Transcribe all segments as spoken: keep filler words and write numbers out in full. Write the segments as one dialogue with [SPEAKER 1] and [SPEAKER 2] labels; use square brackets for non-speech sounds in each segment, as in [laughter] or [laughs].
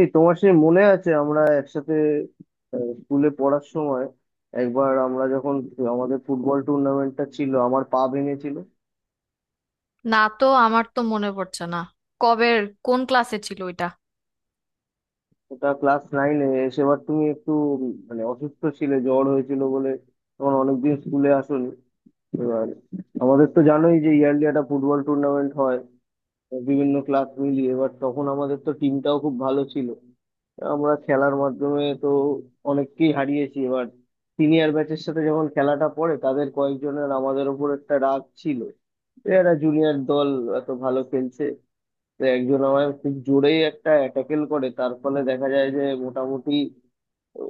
[SPEAKER 1] এই তোমার সে মনে আছে আমরা একসাথে আহ, স্কুলে পড়ার সময় একবার আমরা যখন আমাদের ফুটবল টুর্নামেন্টটা ছিল, আমার পা ভেঙেছিল।
[SPEAKER 2] না তো আমার তো মনে পড়ছে না। কবের, কোন ক্লাসে ছিল ওইটা?
[SPEAKER 1] ওটা ক্লাস নাইনে। সেবার তুমি একটু উম, মানে অসুস্থ ছিলে, জ্বর হয়েছিল বলে তখন অনেকদিন স্কুলে আসোনি। এবার আমাদের তো জানোই যে ইয়ারলি একটা ফুটবল টুর্নামেন্ট হয় বিভিন্ন ক্লাস মিলিয়ে। এবার তখন আমাদের তো টিমটাও খুব ভালো ছিল, আমরা খেলার মাধ্যমে তো অনেককেই হারিয়েছি। এবার সিনিয়র ব্যাচের সাথে যখন খেলাটা পড়ে, তাদের কয়েকজনের আমাদের ওপর একটা রাগ ছিল, এরা জুনিয়র দল এত ভালো খেলছে। তো একজন আমায় খুব জোরেই একটা ট্যাকেল করে, তার ফলে দেখা যায় যে মোটামুটি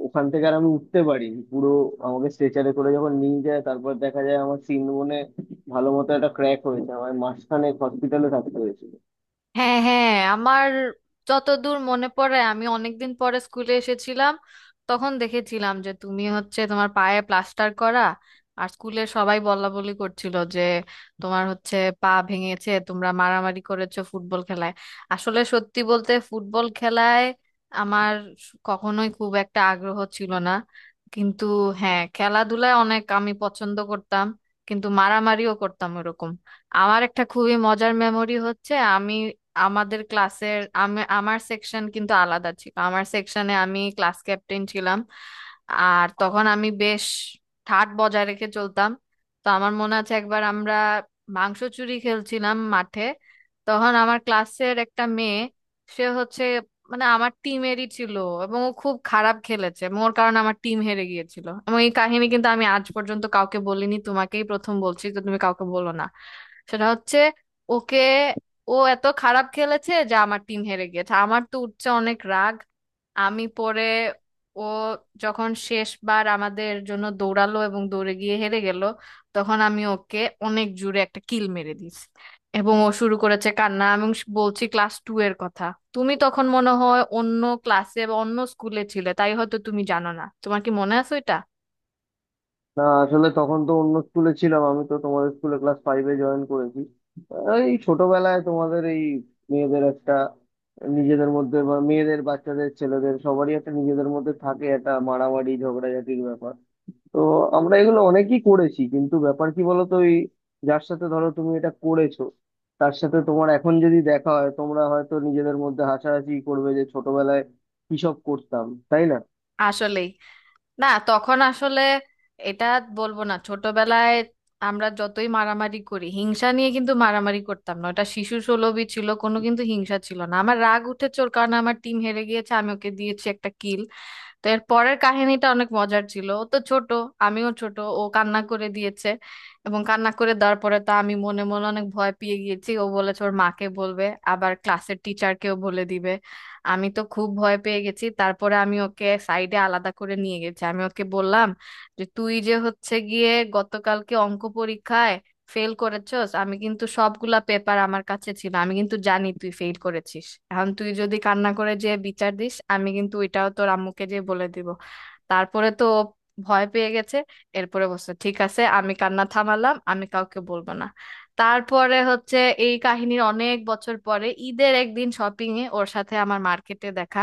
[SPEAKER 1] ওখান থেকে আর আমি উঠতে পারিনি পুরো। আমাকে স্ট্রেচারে করে যখন নিয়ে যায়, তারপর দেখা যায় আমার সিন বোনে ভালো মতো একটা ক্র্যাক হয়েছে। আমার মাসখানেক হসপিটালে থাকতে হয়েছে।
[SPEAKER 2] হ্যাঁ, হ্যাঁ, আমার যতদূর মনে পড়ে, আমি অনেকদিন পরে স্কুলে এসেছিলাম। তখন দেখেছিলাম যে তুমি হচ্ছে তোমার পায়ে প্লাস্টার করা, আর স্কুলের সবাই বলাবলি করছিল যে তোমার হচ্ছে পা ভেঙেছে, তোমরা মারামারি করেছো ফুটবল খেলায়। আসলে সত্যি বলতে ফুটবল খেলায় আমার কখনোই খুব একটা আগ্রহ ছিল না, কিন্তু হ্যাঁ খেলাধুলায় অনেক আমি পছন্দ করতাম, কিন্তু মারামারিও করতাম এরকম। আমার একটা খুবই মজার মেমোরি হচ্ছে আমি আমাদের ক্লাসের আমি আমার সেকশন কিন্তু আলাদা ছিল, আমার সেকশনে আমি ক্লাস ক্যাপ্টেন ছিলাম। আর তখন আমি বেশ ঠাট বজায় রেখে চলতাম। তো আমার মনে আছে একবার আমরা মাংস চুরি খেলছিলাম মাঠে। তখন আমার ক্লাসের একটা মেয়ে সে হচ্ছে মানে আমার টিমেরই ছিল, এবং ও খুব খারাপ খেলেছে এবং ওর কারণে আমার টিম হেরে গিয়েছিল। এবং এই কাহিনী কিন্তু আমি আজ পর্যন্ত কাউকে বলিনি, তোমাকেই প্রথম বলছি, তো তুমি কাউকে বলো না। সেটা হচ্ছে, ওকে, ও এত খারাপ খেলেছে যে আমার টিম হেরে গেছে, আমার তো উঠছে অনেক রাগ। আমি পরে, ও যখন শেষবার আমাদের জন্য দৌড়ালো এবং দৌড়ে গিয়ে হেরে গেল, তখন আমি ওকে অনেক জোরে একটা কিল মেরে দিয়েছি। এবং ও শুরু করেছে কান্না। এবং বলছি ক্লাস টু এর কথা, তুমি তখন মনে হয় অন্য ক্লাসে বা অন্য স্কুলে ছিলে, তাই হয়তো তুমি জানো না, তোমার কি মনে আছে এটা?
[SPEAKER 1] না, আসলে তখন তো অন্য স্কুলে ছিলাম, আমি তো তোমাদের স্কুলে ক্লাস ফাইভে জয়েন করেছি। এই ছোটবেলায় তোমাদের এই মেয়েদের একটা নিজেদের মধ্যে বা মেয়েদের, বাচ্চাদের, ছেলেদের সবারই একটা নিজেদের মধ্যে থাকে একটা মারামারি ঝগড়াঝাটির ব্যাপার। তো আমরা এগুলো অনেকই করেছি, কিন্তু ব্যাপার কি বলতো, ওই যার সাথে ধরো তুমি এটা করেছো, তার সাথে তোমার এখন যদি দেখা হয়, তোমরা হয়তো নিজেদের মধ্যে হাসাহাসি করবে যে ছোটবেলায় কি সব করতাম, তাই না?
[SPEAKER 2] আসলেই না, তখন আসলে এটা, বলবো না ছোটবেলায় আমরা যতই মারামারি করি হিংসা নিয়ে কিন্তু মারামারি করতাম না, ওটা শিশু সুলভই ছিল, কোনো কিন্তু হিংসা ছিল না। আমার রাগ উঠেছে, ওর কারণে আমার টিম হেরে গিয়েছে, আমি ওকে দিয়েছি একটা কিল। তো এর পরের কাহিনীটা অনেক মজার ছিল। ও তো ছোট, আমিও ছোট, ও কান্না করে দিয়েছে এবং কান্না করে দেওয়ার পরে তো আমি মনে মনে অনেক ভয় পেয়ে গিয়েছি। ও বলেছে ওর মাকে বলবে, আবার ক্লাসের টিচারকেও বলে দিবে। আমি তো খুব ভয় পেয়ে গেছি, তারপরে আমি ওকে সাইডে আলাদা করে নিয়ে গেছি, আমি ওকে বললাম যে তুই যে হচ্ছে গিয়ে গতকালকে অঙ্ক পরীক্ষায় ফেল করেছস, আমি কিন্তু সবগুলা পেপার আমার কাছে ছিল, আমি কিন্তু জানি তুই ফেল করেছিস। এখন তুই যদি কান্না করে যে বিচার দিস, আমি কিন্তু ওইটাও তোর আম্মুকে যে বলে দিব। তারপরে তো ও ভয় পেয়ে গেছে, এরপরে বলছে ঠিক আছে, আমি কান্না থামালাম, আমি কাউকে বলবো না। তারপরে হচ্ছে এই কাহিনীর অনেক বছর পরে ঈদের একদিন শপিং এ ওর সাথে আমার মার্কেটে দেখা,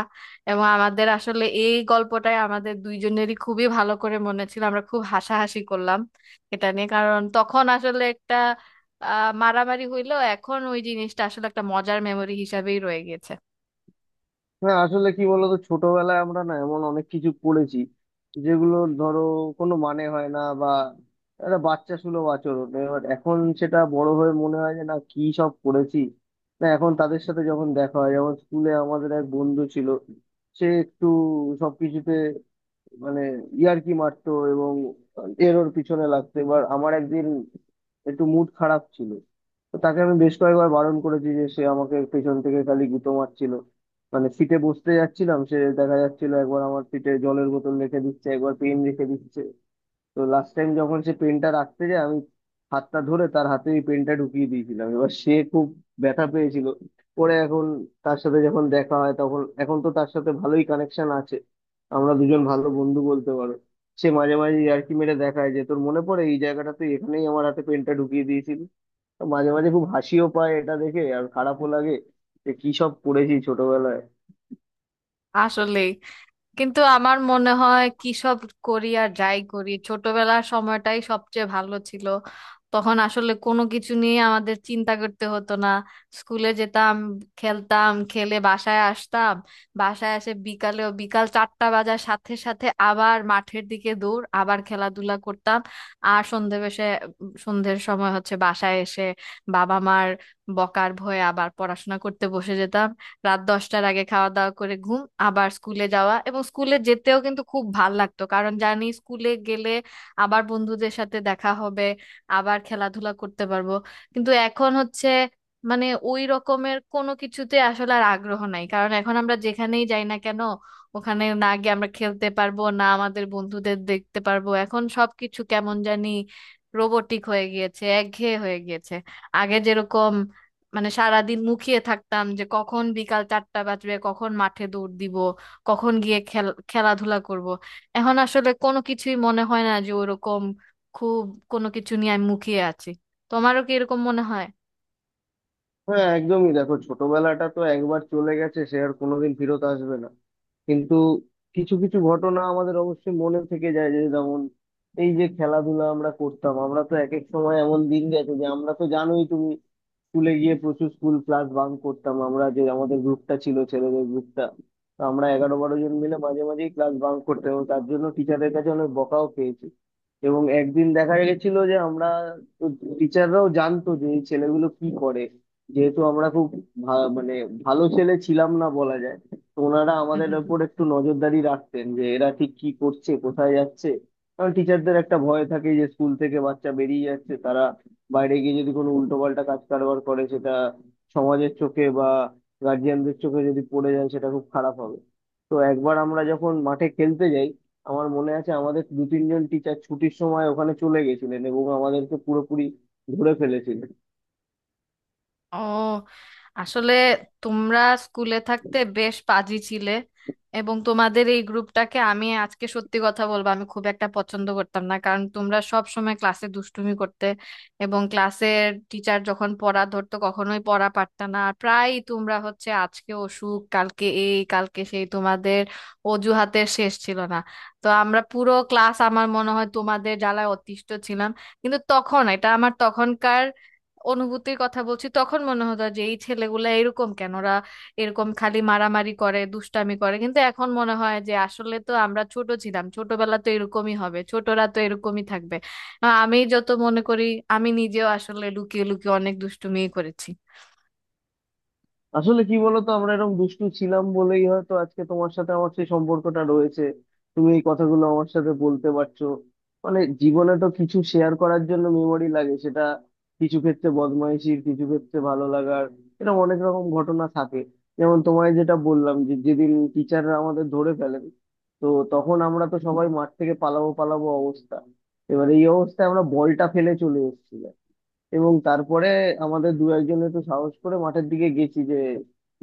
[SPEAKER 2] এবং আমাদের আসলে এই গল্পটাই আমাদের দুইজনেরই খুবই ভালো করে মনে ছিল, আমরা খুব হাসাহাসি করলাম এটা নিয়ে। কারণ তখন আসলে একটা আহ, মারামারি হইলো, এখন ওই জিনিসটা আসলে একটা মজার মেমরি হিসাবেই রয়ে গেছে।
[SPEAKER 1] না, আসলে কি বলতো, ছোটবেলায় আমরা না এমন অনেক কিছু পড়েছি যেগুলো ধরো কোনো মানে হয় না, বা একটা বাচ্চা সুলভ আচরণ। এবার এখন সেটা বড় হয়ে মনে হয় যে না, কি সব পড়েছি। না, এখন তাদের সাথে যখন দেখা হয়, যেমন স্কুলে আমাদের এক বন্ধু ছিল, সে একটু সবকিছুতে মানে ইয়ার্কি মারতো এবং এর ওর পিছনে লাগতো। এবার আমার একদিন একটু মুড খারাপ ছিল, তো তাকে আমি বেশ কয়েকবার বারণ করেছি যে সে আমাকে পেছন থেকে খালি গুঁতো মারছিল। মানে সিটে বসতে যাচ্ছিলাম, সে দেখা যাচ্ছিল একবার আমার সিটে জলের বোতল রেখে দিচ্ছে, একবার পেন রেখে দিচ্ছে। তো লাস্ট টাইম যখন সে পেনটা রাখতে যায়, আমি হাতটা ধরে তার হাতে ওই পেনটা ঢুকিয়ে দিয়েছিলাম। এবার সে খুব ব্যথা পেয়েছিল। পরে এখন তার সাথে যখন দেখা হয়, তখন এখন তো তার সাথে ভালোই কানেকশন আছে, আমরা দুজন ভালো বন্ধু বলতে পারো। সে মাঝে মাঝে ইয়ার্কি মেরে দেখায় যে তোর মনে পড়ে এই জায়গাটা, তুই এখানেই আমার হাতে পেনটা ঢুকিয়ে দিয়েছিলি। তো মাঝে মাঝে খুব হাসিও পায় এটা দেখে, আর খারাপও লাগে যে কি সব করেছি ছোটবেলায়।
[SPEAKER 2] আসলে কিন্তু আমার মনে হয় কি সব করি আর যাই করি, ছোটবেলার সময়টাই সবচেয়ে ভালো ছিল। তখন আসলে কোনো কিছু নিয়ে আমাদের চিন্তা করতে হতো না, স্কুলে যেতাম, খেলতাম, খেলে বাসায় আসতাম, বাসায় এসে বিকালেও বিকাল চারটা বাজার সাথে সাথে আবার মাঠের দিকে দৌড়, আবার খেলাধুলা করতাম। আর সন্ধে বেশে সন্ধ্যের সময় হচ্ছে বাসায় এসে বাবা মার বকার ভয়ে আবার পড়াশোনা করতে বসে যেতাম। রাত দশটার আগে খাওয়া দাওয়া করে ঘুম, আবার স্কুলে যাওয়া, এবং স্কুলে যেতেও কিন্তু খুব ভাল লাগতো কারণ জানি স্কুলে গেলে আবার বন্ধুদের সাথে দেখা হবে, আবার খেলাধুলা করতে পারবো। কিন্তু এখন হচ্ছে মানে ওই রকমের কোনো কিছুতে আসলে আর আগ্রহ নাই, কারণ এখন আমরা যেখানেই যাই না কেন, ওখানে না গিয়ে আমরা খেলতে পারবো না, আমাদের বন্ধুদের দেখতে পারবো। এখন সবকিছু কেমন জানি রোবটিক হয়ে গিয়েছে, একঘেয়ে হয়ে গিয়েছে। আগে যেরকম মানে সারাদিন মুখিয়ে থাকতাম যে কখন বিকাল চারটা বাজবে, কখন মাঠে দৌড় দিব, কখন গিয়ে খেল খেলাধুলা করব। এখন আসলে কোনো কিছুই মনে হয় না যে ওরকম খুব কোনো কিছু নিয়ে আমি মুখিয়ে আছি। তোমারও কি এরকম মনে হয়?
[SPEAKER 1] হ্যাঁ, একদমই। দেখো, ছোটবেলাটা তো একবার চলে গেছে, সে আর কোনোদিন ফেরত আসবে না। কিন্তু কিছু কিছু ঘটনা আমাদের অবশ্যই মনে থেকে যায়, যে যেমন এই যে খেলাধুলা আমরা করতাম, আমরা তো এক এক সময় এমন দিন গেছে যে আমরা তো জানোই তুমি, স্কুলে গিয়ে প্রচুর স্কুল ক্লাস বাঙ্ক করতাম আমরা। যে আমাদের গ্রুপটা ছিল ছেলেদের গ্রুপটা, তো আমরা এগারো বারো জন মিলে মাঝে মাঝেই ক্লাস বাঙ্ক করতাম এবং তার জন্য টিচারদের কাছে অনেক বকাও পেয়েছি। এবং একদিন দেখা গেছিল যে আমরা, টিচাররাও জানতো যে এই ছেলেগুলো কি করে, যেহেতু আমরা খুব ভা- মানে ভালো ছেলে ছিলাম না বলা যায়। তো ওনারা আমাদের ওপর
[SPEAKER 2] [laughs]
[SPEAKER 1] একটু নজরদারি রাখতেন যে এরা ঠিক কি করছে, কোথায় যাচ্ছে। কারণ টিচারদের একটা ভয় থাকে যে স্কুল থেকে বাচ্চা বেরিয়ে যাচ্ছে, তারা বাইরে গিয়ে যদি কোনো উল্টোপাল্টা কাজ কারবার করে, সেটা সমাজের চোখে বা গার্জিয়ানদের চোখে যদি পড়ে যায়, সেটা খুব খারাপ হবে। তো একবার আমরা যখন মাঠে খেলতে যাই, আমার মনে আছে আমাদের দু তিনজন টিচার ছুটির সময় ওখানে চলে গেছিলেন এবং আমাদেরকে পুরোপুরি ধরে ফেলেছিলেন।
[SPEAKER 2] ও, আসলে তোমরা স্কুলে থাকতে বেশ পাজি ছিলে, এবং তোমাদের এই গ্রুপটাকে আমি আজকে সত্যি কথা বলবো আমি খুব একটা পছন্দ করতাম না, কারণ তোমরা সব সময় ক্লাসে দুষ্টুমি করতে এবং ক্লাসের টিচার যখন পড়া ধরতো কখনোই পড়া পারতা না, আর প্রায় তোমরা হচ্ছে আজকে অসুখ, কালকে এই, কালকে সেই, তোমাদের অজুহাতের শেষ ছিল না। তো আমরা পুরো ক্লাস আমার মনে হয় তোমাদের জ্বালায় অতিষ্ঠ ছিলাম। কিন্তু তখন এটা আমার তখনকার অনুভূতির কথা বলছি, তখন মনে হতো যে এই ছেলেগুলা এরকম কেন, ওরা এরকম খালি মারামারি করে দুষ্টামি করে। কিন্তু এখন মনে হয় যে আসলে তো আমরা ছোট ছিলাম, ছোটবেলা তো এরকমই হবে, ছোটরা তো এরকমই থাকবে। আহ, আমি যত মনে করি আমি নিজেও আসলে লুকিয়ে লুকিয়ে অনেক দুষ্টুমি করেছি।
[SPEAKER 1] আসলে কি বলতো, আমরা এরকম দুষ্টু ছিলাম বলেই হয়তো আজকে তোমার সাথে আমার সেই সম্পর্কটা রয়েছে, তুমি এই কথাগুলো আমার সাথে বলতে পারছো। মানে জীবনে তো কিছু শেয়ার করার জন্য মেমোরি লাগে, সেটা কিছু ক্ষেত্রে বদমাইশির, কিছু ক্ষেত্রে ভালো লাগার। এরকম অনেক রকম ঘটনা থাকে। যেমন তোমায় যেটা বললাম যে যেদিন টিচাররা আমাদের ধরে ফেলেন, তো তখন আমরা তো সবাই মাঠ থেকে পালাবো পালাবো অবস্থা। এবার এই অবস্থায় আমরা বলটা ফেলে চলে এসেছিলাম। এবং তারপরে আমাদের দু একজন একটু সাহস করে মাঠের দিকে গেছি যে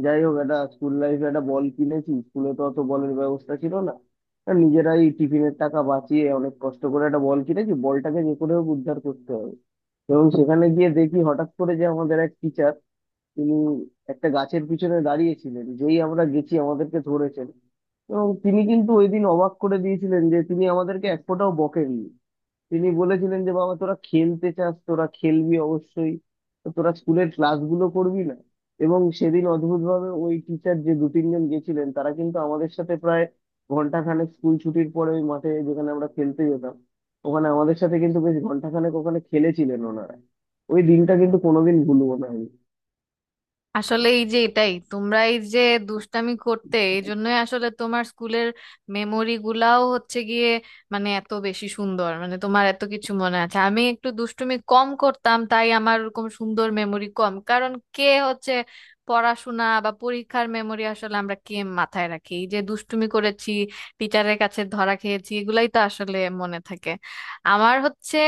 [SPEAKER 1] যাই হোক, একটা স্কুল লাইফে একটা বল কিনেছি, স্কুলে তো অত বলের ব্যবস্থা ছিল না, তা নিজেরাই টিফিনের টাকা বাঁচিয়ে অনেক কষ্ট করে একটা বল কিনেছি, বলটাকে যে করে হোক উদ্ধার করতে হবে। এবং সেখানে গিয়ে দেখি হঠাৎ করে যে আমাদের এক টিচার, তিনি একটা গাছের পিছনে দাঁড়িয়েছিলেন, যেই আমরা গেছি আমাদেরকে ধরেছেন। এবং তিনি কিন্তু ওই দিন অবাক করে দিয়েছিলেন যে তিনি আমাদেরকে এক ফোঁটাও বকেননি। তিনি বলেছিলেন যে বাবা, তোরা খেলতে চাস, তোরা খেলবি অবশ্যই, তো তোরা স্কুলের ক্লাসগুলো করবি না? এবং সেদিন অদ্ভুতভাবে ওই টিচার, যে দু তিনজন গেছিলেন, তারা কিন্তু আমাদের সাথে প্রায় ঘন্টাখানেক স্কুল ছুটির পরে ওই মাঠে, যেখানে আমরা খেলতে যেতাম, ওখানে আমাদের সাথে কিন্তু বেশ ঘন্টাখানেক ওখানে খেলেছিলেন ওনারা। ওই দিনটা কিন্তু কোনোদিন ভুলবো না আমি।
[SPEAKER 2] আসলে এই যে এটাই তোমরা এই যে দুষ্টামি করতে এই জন্যই আসলে তোমার স্কুলের মেমোরি গুলাও হচ্ছে গিয়ে মানে এত বেশি সুন্দর, মানে তোমার এত কিছু মনে আছে। আমি একটু দুষ্টুমি কম করতাম, তাই আমার ওরকম সুন্দর মেমোরি কম, কারণ কে হচ্ছে পড়াশোনা বা পরীক্ষার মেমোরি আসলে আমরা কে মাথায় রাখি? এই যে দুষ্টুমি করেছি, টিচারের কাছে ধরা খেয়েছি, এগুলাই তো আসলে মনে থাকে। আমার হচ্ছে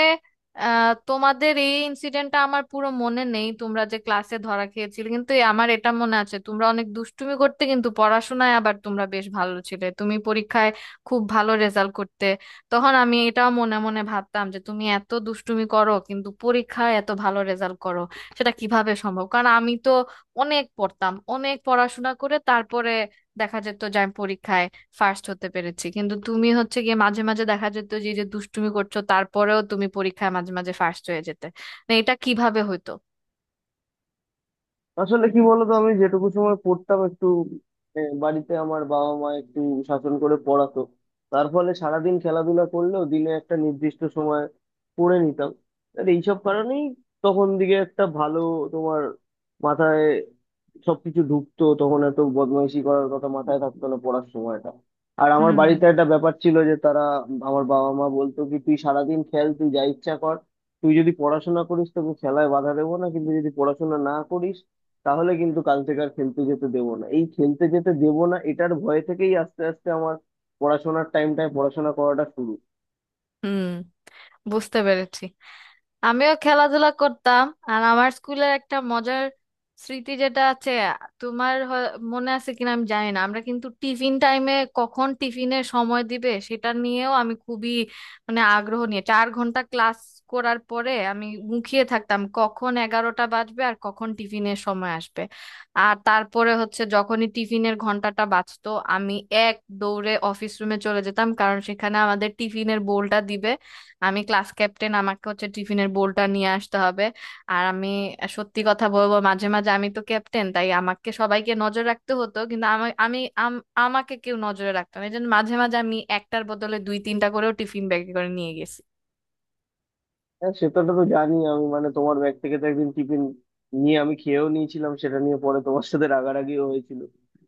[SPEAKER 2] আহ তোমাদের এই ইনসিডেন্টটা আমার পুরো মনে নেই, তোমরা যে ক্লাসে ধরা খেয়েছিলে। কিন্তু এ- আমার এটা মনে আছে তোমরা অনেক দুষ্টুমি করতে, কিন্তু পড়াশোনায় আবার তোমরা বেশ ভালো ছিলে। তুমি পরীক্ষায় খুব ভালো রেজাল্ট করতে। তখন আমি এটাও মনে মনে ভাবতাম যে তুমি এত দুষ্টুমি করো কিন্তু পরীক্ষায় এত ভালো রেজাল্ট করো সেটা কিভাবে সম্ভব? কারণ আমি তো অনেক পড়তাম, অনেক পড়াশোনা করে তারপরে দেখা যেত যে আমি পরীক্ষায় ফার্স্ট হতে পেরেছি, কিন্তু তুমি হচ্ছে গিয়ে মাঝে মাঝে দেখা যেত যে এই যে দুষ্টুমি করছো তারপরেও তুমি পরীক্ষায় মাঝে মাঝে ফার্স্ট হয়ে যেতে। না, এটা কিভাবে হইতো?
[SPEAKER 1] আসলে কি বলতো, আমি যেটুকু সময় পড়তাম একটু, আহ, বাড়িতে আমার বাবা মা একটু শাসন করে পড়াতো। তার ফলে সারাদিন খেলাধুলা করলেও দিনে একটা নির্দিষ্ট সময় পড়ে নিতাম। আর এইসব কারণেই তখন দিকে একটা ভালো, তোমার মাথায় সবকিছু ঢুকতো, তখন এত বদমাইশি করার কথা মাথায় থাকতো না পড়ার সময়টা। আর আমার
[SPEAKER 2] হুম,
[SPEAKER 1] বাড়িতে একটা ব্যাপার ছিল যে তারা, আমার বাবা মা বলতো কি, তুই সারাদিন খেল, তুই যা ইচ্ছা কর, তুই যদি পড়াশোনা করিস তোকে খেলায় বাধা দেবো না, কিন্তু যদি পড়াশোনা না করিস, তাহলে কিন্তু কাল থেকে আর খেলতে যেতে দেবো না। এই খেলতে যেতে দেবো না, এটার ভয় থেকেই আস্তে আস্তে আমার পড়াশোনার টাইমটায় পড়াশোনা করাটা শুরু।
[SPEAKER 2] হুম, বুঝতে পেরেছি। আমিও খেলাধুলা করতাম, আর আমার স্কুলের একটা মজার স্মৃতি যেটা আছে, তোমার হয়- মনে আছে কিনা আমি জানি না, আমরা কিন্তু টিফিন টাইমে কখন টিফিনের সময় দিবে সেটা নিয়েও আমি খুবই মানে আগ্রহ নিয়ে চার ঘন্টা ক্লাস করার পরে আমি মুখিয়ে থাকতাম কখন এগারোটা বাজবে আর কখন টিফিনের সময় আসবে। আর তারপরে হচ্ছে যখনই টিফিনের ঘন্টাটা বাজতো, আমি এক দৌড়ে অফিস রুমে চলে যেতাম, কারণ সেখানে আমাদের টিফিনের বোলটা দিবে, আমি ক্লাস ক্যাপ্টেন, আমাকে হচ্ছে টিফিনের বোলটা নিয়ে আসতে হবে। আর আমি সত্যি কথা বলবো মাঝে মাঝে আমি তো ক্যাপ্টেন, তাই আমাকে সবাইকে নজর রাখতে হতো, কিন্তু আমি আমি আম- আমাকে কেউ নজরে রাখতো না, এই জন্য মাঝে মাঝে আমি একটার বদলে দুই তিনটা করেও টিফিন ব্যাগে করে নিয়ে গেছি।
[SPEAKER 1] হ্যাঁ, সেটাটা তো জানি আমি, মানে তোমার ব্যাগ থেকে তো একদিন টিফিন নিয়ে আমি খেয়েও নিয়েছিলাম, সেটা নিয়ে পরে তোমার সাথে রাগারাগিও হয়েছিল।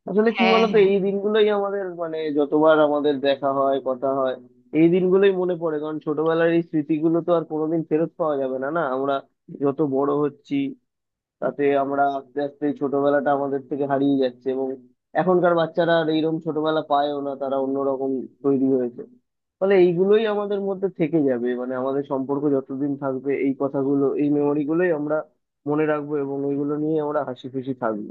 [SPEAKER 1] আসলে কি
[SPEAKER 2] হ্যাঁ,
[SPEAKER 1] বলতো,
[SPEAKER 2] হ্যাঁ
[SPEAKER 1] এই দিনগুলোই আমাদের, মানে যতবার আমাদের দেখা হয়, কথা হয়, এই দিনগুলোই মনে পড়ে। কারণ ছোটবেলার এই স্মৃতিগুলো তো আর কোনোদিন ফেরত পাওয়া যাবে না। না, আমরা যত বড় হচ্ছি, তাতে আমরা আস্তে আস্তে এই ছোটবেলাটা আমাদের থেকে হারিয়ে যাচ্ছে এবং এখনকার বাচ্চারা আর এইরকম ছোটবেলা পায়ও না, তারা অন্যরকম তৈরি হয়েছে। ফলে এইগুলোই আমাদের মধ্যে থেকে যাবে, মানে আমাদের সম্পর্ক যতদিন থাকবে এই কথাগুলো, এই মেমোরি গুলোই আমরা মনে রাখবো এবং ওইগুলো নিয়ে আমরা হাসি খুশি থাকবো।